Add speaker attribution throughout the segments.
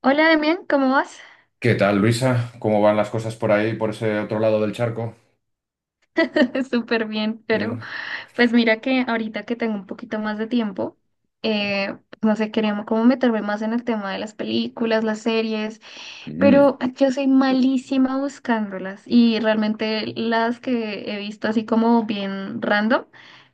Speaker 1: Hola Demian, ¿cómo vas?
Speaker 2: ¿Qué tal, Luisa? ¿Cómo van las cosas por ahí, por ese otro lado del charco?
Speaker 1: Súper bien, pero
Speaker 2: Bien.
Speaker 1: pues mira que ahorita que tengo un poquito más de tiempo, pues, no sé, quería como meterme más en el tema de las películas, las series,
Speaker 2: Mm.
Speaker 1: pero yo soy malísima buscándolas y realmente las que he visto así como bien random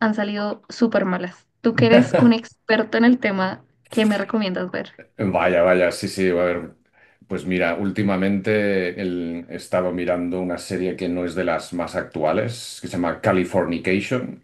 Speaker 1: han salido súper malas. Tú que eres un experto en el tema, ¿qué me recomiendas ver?
Speaker 2: Vaya, vaya, sí, sí, a ver. Pues mira, últimamente he estado mirando una serie que no es de las más actuales, que se llama Californication.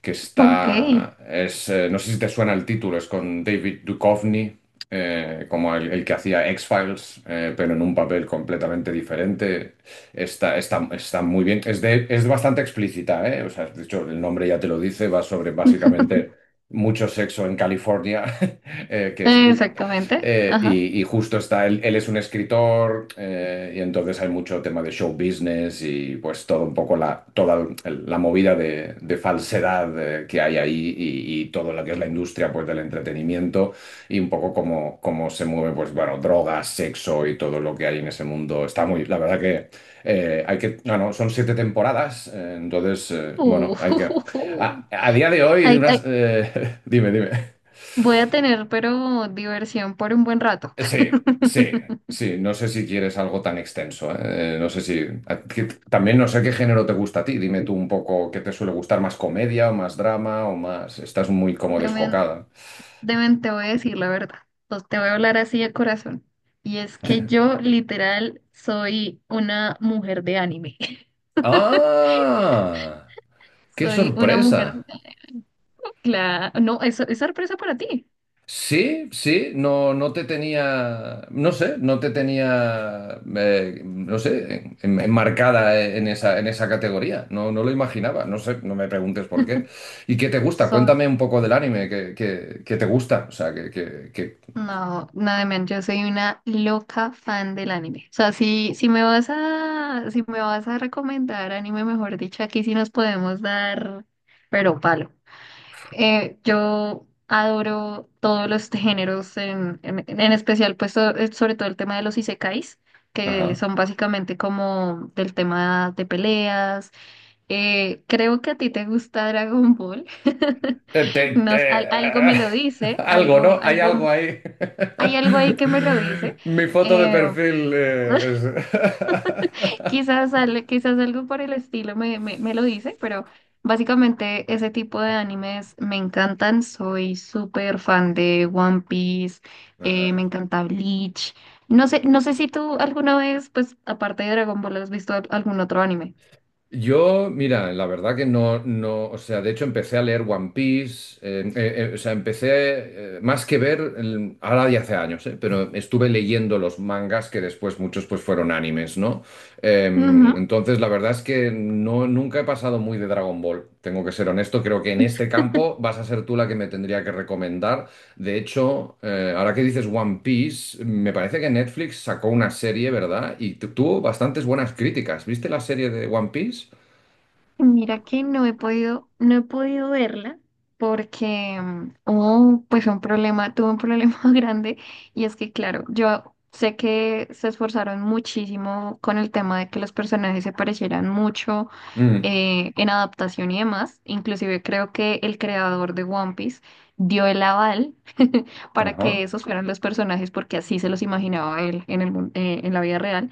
Speaker 2: Que
Speaker 1: Ok,
Speaker 2: es no sé si te suena el título, es con David Duchovny, como el que hacía X-Files, pero en un papel completamente diferente. Está muy bien, es bastante explícita, ¿eh? O sea, de hecho, el nombre ya te lo dice, va sobre básicamente mucho sexo en California, eh, que es,
Speaker 1: exactamente. Ajá.
Speaker 2: y justo él es un escritor, y entonces hay mucho tema de show business y pues todo un poco la movida de falsedad, que hay ahí y todo lo que es la industria pues del entretenimiento y un poco cómo se mueve. Pues bueno, drogas, sexo y todo lo que hay en ese mundo. Está muy, la verdad que... no, no, son 7 temporadas, entonces, bueno,
Speaker 1: Uh,
Speaker 2: hay que, a día de hoy,
Speaker 1: Ahí,
Speaker 2: unas,
Speaker 1: ahí-
Speaker 2: dime, dime.
Speaker 1: Voy a tener, pero diversión por un buen rato.
Speaker 2: Sí, sí, sí. No sé si quieres algo tan extenso, ¿eh? No sé si. a- que- También no sé qué género te gusta a ti. Dime tú un poco qué te suele gustar, más comedia o más drama o más. Estás muy como
Speaker 1: Deben,
Speaker 2: descocada.
Speaker 1: deben te voy a decir la verdad. Pues te voy a hablar así de corazón. Y es que yo literal soy una mujer de anime.
Speaker 2: ¡Ah! ¡Qué
Speaker 1: Soy una mujer.
Speaker 2: sorpresa!
Speaker 1: Claro. No, eso es sorpresa para ti.
Speaker 2: Sí, sí, no, no te tenía, no sé, no te tenía, no sé, enmarcada en esa categoría. No, no lo imaginaba, no sé, no me preguntes por qué. ¿Y qué te gusta?
Speaker 1: Soy,
Speaker 2: Cuéntame un poco del anime, que te gusta, o sea.
Speaker 1: no, nada menos, yo soy una loca fan del anime. O sea, si me vas a, si me vas a recomendar anime, mejor dicho, aquí sí nos podemos dar, pero palo. Yo adoro todos los géneros, en especial pues sobre todo el tema de los isekais, que
Speaker 2: Ajá.
Speaker 1: son básicamente como del tema de peleas. Creo que a ti te gusta Dragon Ball.
Speaker 2: Eh, te-
Speaker 1: No,
Speaker 2: te-
Speaker 1: algo me lo dice,
Speaker 2: Algo,
Speaker 1: algo,
Speaker 2: ¿no? Hay
Speaker 1: algo,
Speaker 2: algo ahí.
Speaker 1: hay algo ahí que me lo dice.
Speaker 2: Mi foto de
Speaker 1: Eh,
Speaker 2: perfil, es.
Speaker 1: quizás algo por el estilo me lo dice, pero básicamente ese tipo de animes me encantan. Soy súper fan de One Piece, me
Speaker 2: Ajá.
Speaker 1: encanta Bleach. No sé si tú alguna vez, pues aparte de Dragon Ball, has visto algún otro anime.
Speaker 2: Yo, mira, la verdad que no, no, o sea, de hecho empecé a leer One Piece, o sea, empecé, más que ver, ahora ya hace años, pero estuve leyendo los mangas que después muchos pues fueron animes, ¿no? Entonces, la verdad es que no, nunca he pasado muy de Dragon Ball, tengo que ser honesto, creo que en este campo vas a ser tú la que me tendría que recomendar. De hecho, ahora que dices One Piece, me parece que Netflix sacó una serie, ¿verdad? Y tuvo bastantes buenas críticas. ¿Viste la serie de One Piece?
Speaker 1: Mira que no he podido verla porque hubo pues un problema, tuve un problema grande y es que claro, yo sé que se esforzaron muchísimo con el tema de que los personajes se parecieran mucho
Speaker 2: Mm,
Speaker 1: en adaptación y demás. Inclusive creo que el creador de One Piece dio el aval para que
Speaker 2: ajá.
Speaker 1: esos fueran los personajes porque así se los imaginaba él en la vida real.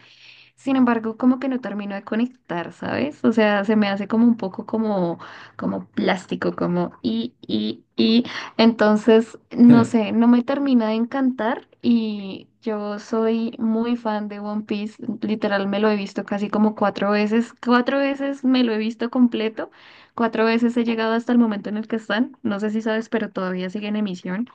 Speaker 1: Sin embargo, como que no termino de conectar, ¿sabes? O sea, se me hace como un poco como plástico, como y, y. Entonces, no
Speaker 2: Mm,
Speaker 1: sé, no me termina de encantar y yo soy muy fan de One Piece. Literal, me lo he visto casi como cuatro veces. Cuatro veces me lo he visto completo. Cuatro veces he llegado hasta el momento en el que están. No sé si sabes, pero todavía sigue en emisión.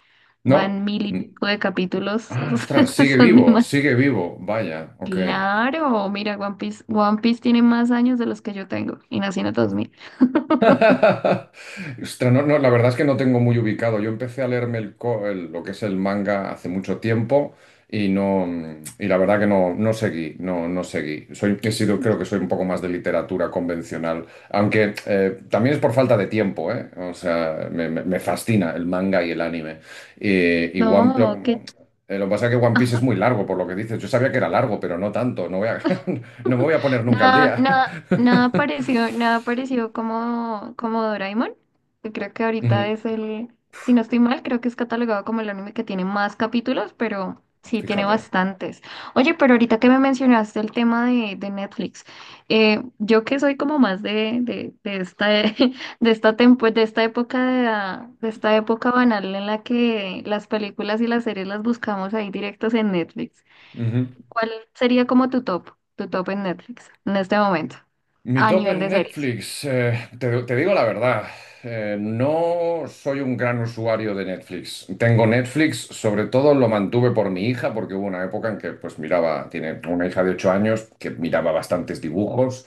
Speaker 2: no.
Speaker 1: Van mil y
Speaker 2: Mm.
Speaker 1: pico de capítulos.
Speaker 2: Ah, ostras, sigue
Speaker 1: Son
Speaker 2: vivo,
Speaker 1: demasiados.
Speaker 2: sigue vivo. Vaya, ok.
Speaker 1: Claro, mira, One Piece tiene más años de los que yo tengo y nací en el 2000.
Speaker 2: Ostras, no, no, la verdad es que no tengo muy ubicado. Yo empecé a leerme lo que es el manga hace mucho tiempo y no, y la verdad que no, no seguí, no, no seguí. Creo que soy un poco más de literatura convencional, aunque, también es por falta de tiempo, ¿eh? O sea, me fascina el manga y el anime. Eh, y One, lo,
Speaker 1: No, que...
Speaker 2: lo que pasa es que One Piece es muy largo, por lo que dices. Yo sabía que era largo, pero no tanto. No me voy a poner nunca al
Speaker 1: Nada,
Speaker 2: día.
Speaker 1: nada, nada parecido, nada parecido como Doraemon, que creo que ahorita
Speaker 2: Ujú.
Speaker 1: es el, si no estoy mal, creo que es catalogado como el anime que tiene más capítulos, pero sí tiene
Speaker 2: Fíjate.
Speaker 1: bastantes. Oye, pero ahorita que me mencionaste el tema de Netflix, yo que soy como más de esta, de esta época de esta época banal en la que las películas y las series las buscamos ahí directos en Netflix.
Speaker 2: Ujú.
Speaker 1: ¿Cuál sería como tu top en Netflix en este momento,
Speaker 2: Mi
Speaker 1: a
Speaker 2: top
Speaker 1: nivel
Speaker 2: en
Speaker 1: de series?
Speaker 2: Netflix, te digo la verdad, no soy un gran usuario de Netflix. Tengo Netflix, sobre todo lo mantuve por mi hija, porque hubo una época en que pues miraba, tiene una hija de 8 años que miraba bastantes dibujos.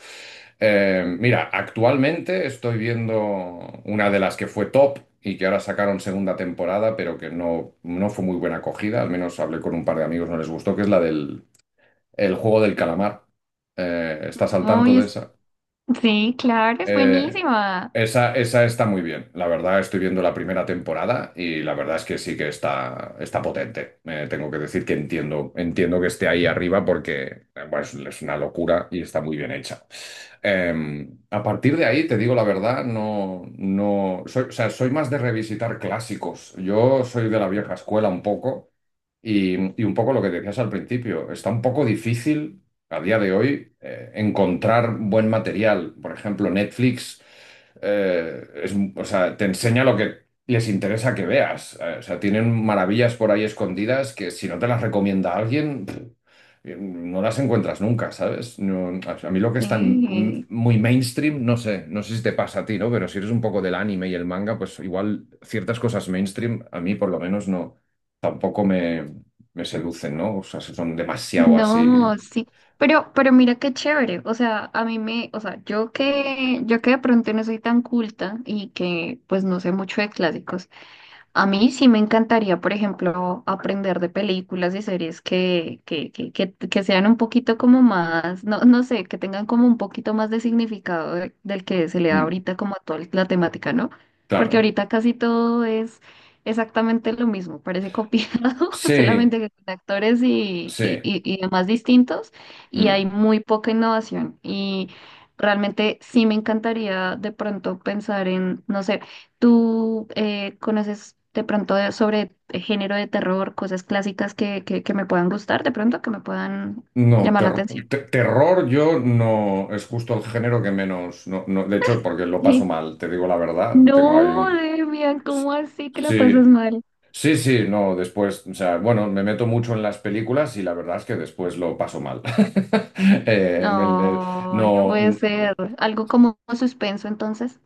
Speaker 2: Mira, actualmente estoy viendo una de las que fue top y que ahora sacaron segunda temporada, pero que no, no fue muy buena acogida. Al menos hablé con un par de amigos, no les gustó, que es la del El juego del calamar. ¿Estás al
Speaker 1: No,
Speaker 2: tanto de esa?
Speaker 1: sí, claro, es
Speaker 2: Eh,
Speaker 1: buenísima.
Speaker 2: esa está muy bien. La verdad, estoy viendo la primera temporada y la verdad es que sí que está, está potente. Tengo que decir que entiendo que esté ahí arriba porque, bueno, es una locura y está muy bien hecha. A partir de ahí, te digo la verdad, no, no soy, o sea, soy más de revisitar clásicos. Yo soy de la vieja escuela un poco. Y un poco lo que decías al principio, está un poco difícil a día de hoy, encontrar buen material. Por ejemplo, Netflix, o sea, te enseña lo que les interesa que veas. O sea, tienen maravillas por ahí escondidas que si no te las recomienda alguien, pff, no las encuentras nunca, ¿sabes? A mí lo que es tan,
Speaker 1: Sí,
Speaker 2: muy mainstream, no sé, no sé si te pasa a ti, ¿no? Pero si eres un poco del anime y el manga, pues igual ciertas cosas mainstream, a mí por lo menos no, tampoco me seducen, ¿no? O sea, si son demasiado
Speaker 1: no,
Speaker 2: así.
Speaker 1: sí. Pero mira qué chévere. O sea, o sea, yo que de pronto no soy tan culta y que pues no sé mucho de clásicos. A mí sí me encantaría, por ejemplo, aprender de películas y series que sean un poquito como más, no, no sé, que tengan como un poquito más de significado del que se le da ahorita como a toda la temática, ¿no? Porque
Speaker 2: Claro,
Speaker 1: ahorita casi todo es exactamente lo mismo, parece copiado,
Speaker 2: sí,
Speaker 1: solamente que con actores y, y,
Speaker 2: sí.
Speaker 1: y, y demás distintos, y hay
Speaker 2: Mm.
Speaker 1: muy poca innovación. Y realmente sí me encantaría de pronto pensar en, no sé, ¿tú conoces de pronto sobre género de terror, cosas clásicas que me puedan gustar de pronto, que me puedan
Speaker 2: No,
Speaker 1: llamar la atención?
Speaker 2: terror yo no, es justo el género que menos, no, no, de hecho, porque lo paso
Speaker 1: Sí.
Speaker 2: mal, te digo la verdad, tengo ahí
Speaker 1: No,
Speaker 2: un...
Speaker 1: Demian, ¿cómo así que la
Speaker 2: Sí,
Speaker 1: pasas mal?
Speaker 2: sí, sí, no, después, o sea, bueno, me meto mucho en las películas y la verdad es que después lo paso mal. Eh, en el- eh,
Speaker 1: No, no
Speaker 2: no,
Speaker 1: puede ser. Algo como suspenso, entonces.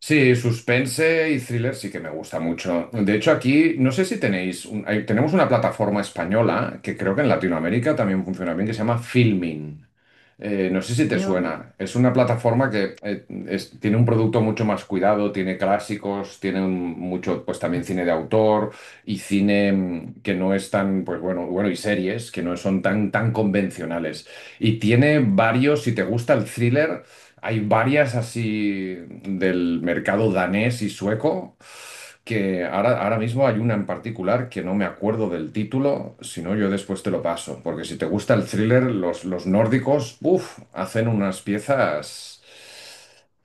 Speaker 2: sí, suspense y thriller sí que me gusta mucho. De hecho, aquí no sé si tenéis, tenemos una plataforma española que creo que en Latinoamérica también funciona bien, que se llama Filmin. No sé si te
Speaker 1: Fíjame.
Speaker 2: suena. Es una plataforma que, tiene un producto mucho más cuidado, tiene clásicos, tiene, mucho, pues también cine de autor y cine, que no es tan, pues bueno, bueno, y series que no son tan, tan convencionales. Y tiene varios, si te gusta el thriller. Hay varias así del mercado danés y sueco, que ahora mismo hay una en particular que no me acuerdo del título, si no yo después te lo paso, porque si te gusta el thriller, los nórdicos, uff, hacen unas piezas...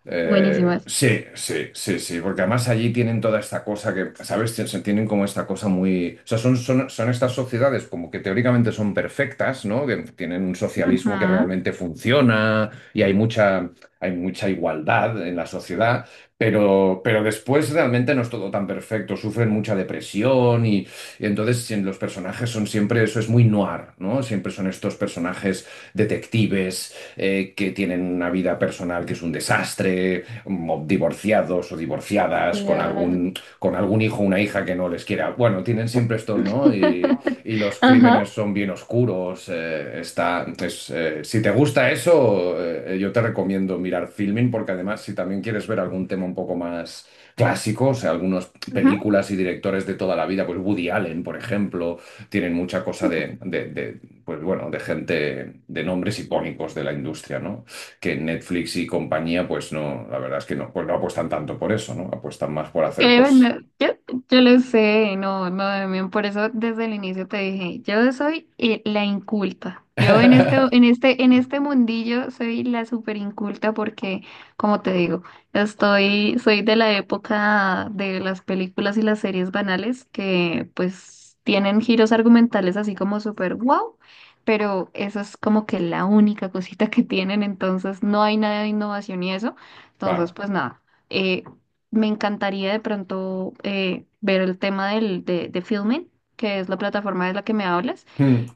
Speaker 1: Buenísimas.
Speaker 2: Sí, sí, sí, sí, porque además allí tienen toda esta cosa que, ¿sabes? Tien- se Tienen como esta cosa muy... O sea, son estas sociedades como que teóricamente son perfectas, ¿no? Que tienen un
Speaker 1: Ujú.
Speaker 2: socialismo que realmente funciona y hay mucha igualdad en la sociedad, pero después realmente no es todo tan perfecto, sufren mucha depresión y entonces en los personajes son siempre, eso es muy noir, ¿no? Siempre son estos personajes detectives, que tienen una vida personal que es un desastre, divorciados o divorciadas, con
Speaker 1: La-
Speaker 2: algún, hijo o una hija que no les quiera. Bueno, tienen siempre estos, ¿no? Y, y los
Speaker 1: Ajá.
Speaker 2: crímenes son bien oscuros. Entonces, si te gusta eso, yo te recomiendo mirar Filming, porque además, si también quieres ver algún tema un poco más clásico, o sea, algunas
Speaker 1: Ujú.
Speaker 2: películas y directores de toda la vida, pues Woody Allen, por ejemplo, tienen mucha cosa de pues bueno, de gente, de nombres icónicos de la industria, ¿no? Que Netflix y compañía, pues no, la verdad es que no, pues no apuestan tanto por eso, ¿no? Apuestan más por hacer
Speaker 1: No,
Speaker 2: cosas.
Speaker 1: yo, yo lo sé, no, no, Damián, por eso desde el inicio te dije, yo soy la inculta. Yo en este, en este, en este mundillo soy la super inculta porque, como te digo, soy de la época de las películas y las series banales que pues tienen giros argumentales así como super wow, pero eso es como que la única cosita que tienen, entonces no hay nada de innovación y eso. Entonces,
Speaker 2: Claro.
Speaker 1: pues nada eh, me encantaría de pronto ver el tema de Filmin, que es la plataforma de la que me hablas.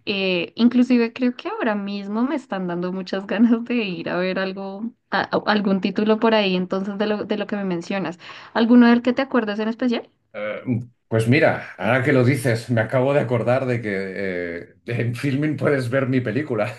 Speaker 1: Inclusive creo que ahora mismo me están dando muchas ganas de ir a ver algo, algún título por ahí, entonces de lo que me mencionas. ¿Alguno del que te acuerdas en especial?
Speaker 2: Eh, Pues mira, ahora que lo dices, me acabo de acordar de que, en Filmin puedes ver mi película.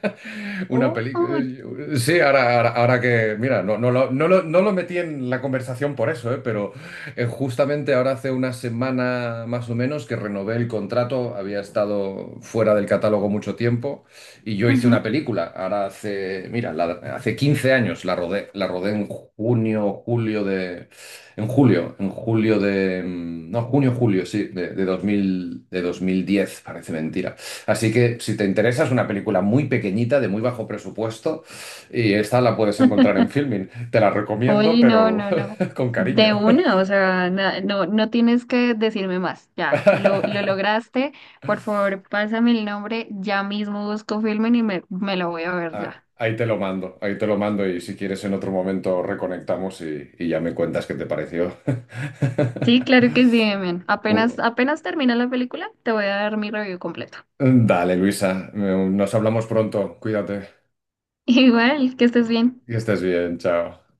Speaker 2: Una
Speaker 1: Oh,
Speaker 2: película. Sí, ahora que. Mira, no, no, no lo metí en la conversación por eso, pero, justamente ahora hace una semana más o menos que renové el contrato. Había estado fuera del catálogo mucho tiempo y yo hice una
Speaker 1: ujú.
Speaker 2: película. Ahora hace. Mira, hace 15 años la rodé. La rodé en junio, julio de en julio de... mm, no, junio, julio, sí, de 2000, de 2010. Parece mentira. Así que si te interesa, es una película muy pequeñita, de muy bajo presupuesto, y esta la puedes encontrar en Filmin. Te la recomiendo,
Speaker 1: Oye, no,
Speaker 2: pero
Speaker 1: no, no.
Speaker 2: con cariño.
Speaker 1: De una, o sea, no, no tienes que decirme más. Ya, lo lograste. Por favor, pásame el nombre. Ya mismo busco Filmin y me lo voy a ver
Speaker 2: Ah,
Speaker 1: ya.
Speaker 2: ahí te lo mando, ahí te lo mando, y si quieres en otro momento reconectamos y ya me cuentas qué te pareció.
Speaker 1: Sí, claro que sí, Demian. Apenas,
Speaker 2: Uh,
Speaker 1: apenas termina la película, te voy a dar mi review completo.
Speaker 2: Dale, Luisa, nos hablamos pronto, cuídate,
Speaker 1: Igual, que estés bien.
Speaker 2: que estés bien, chao.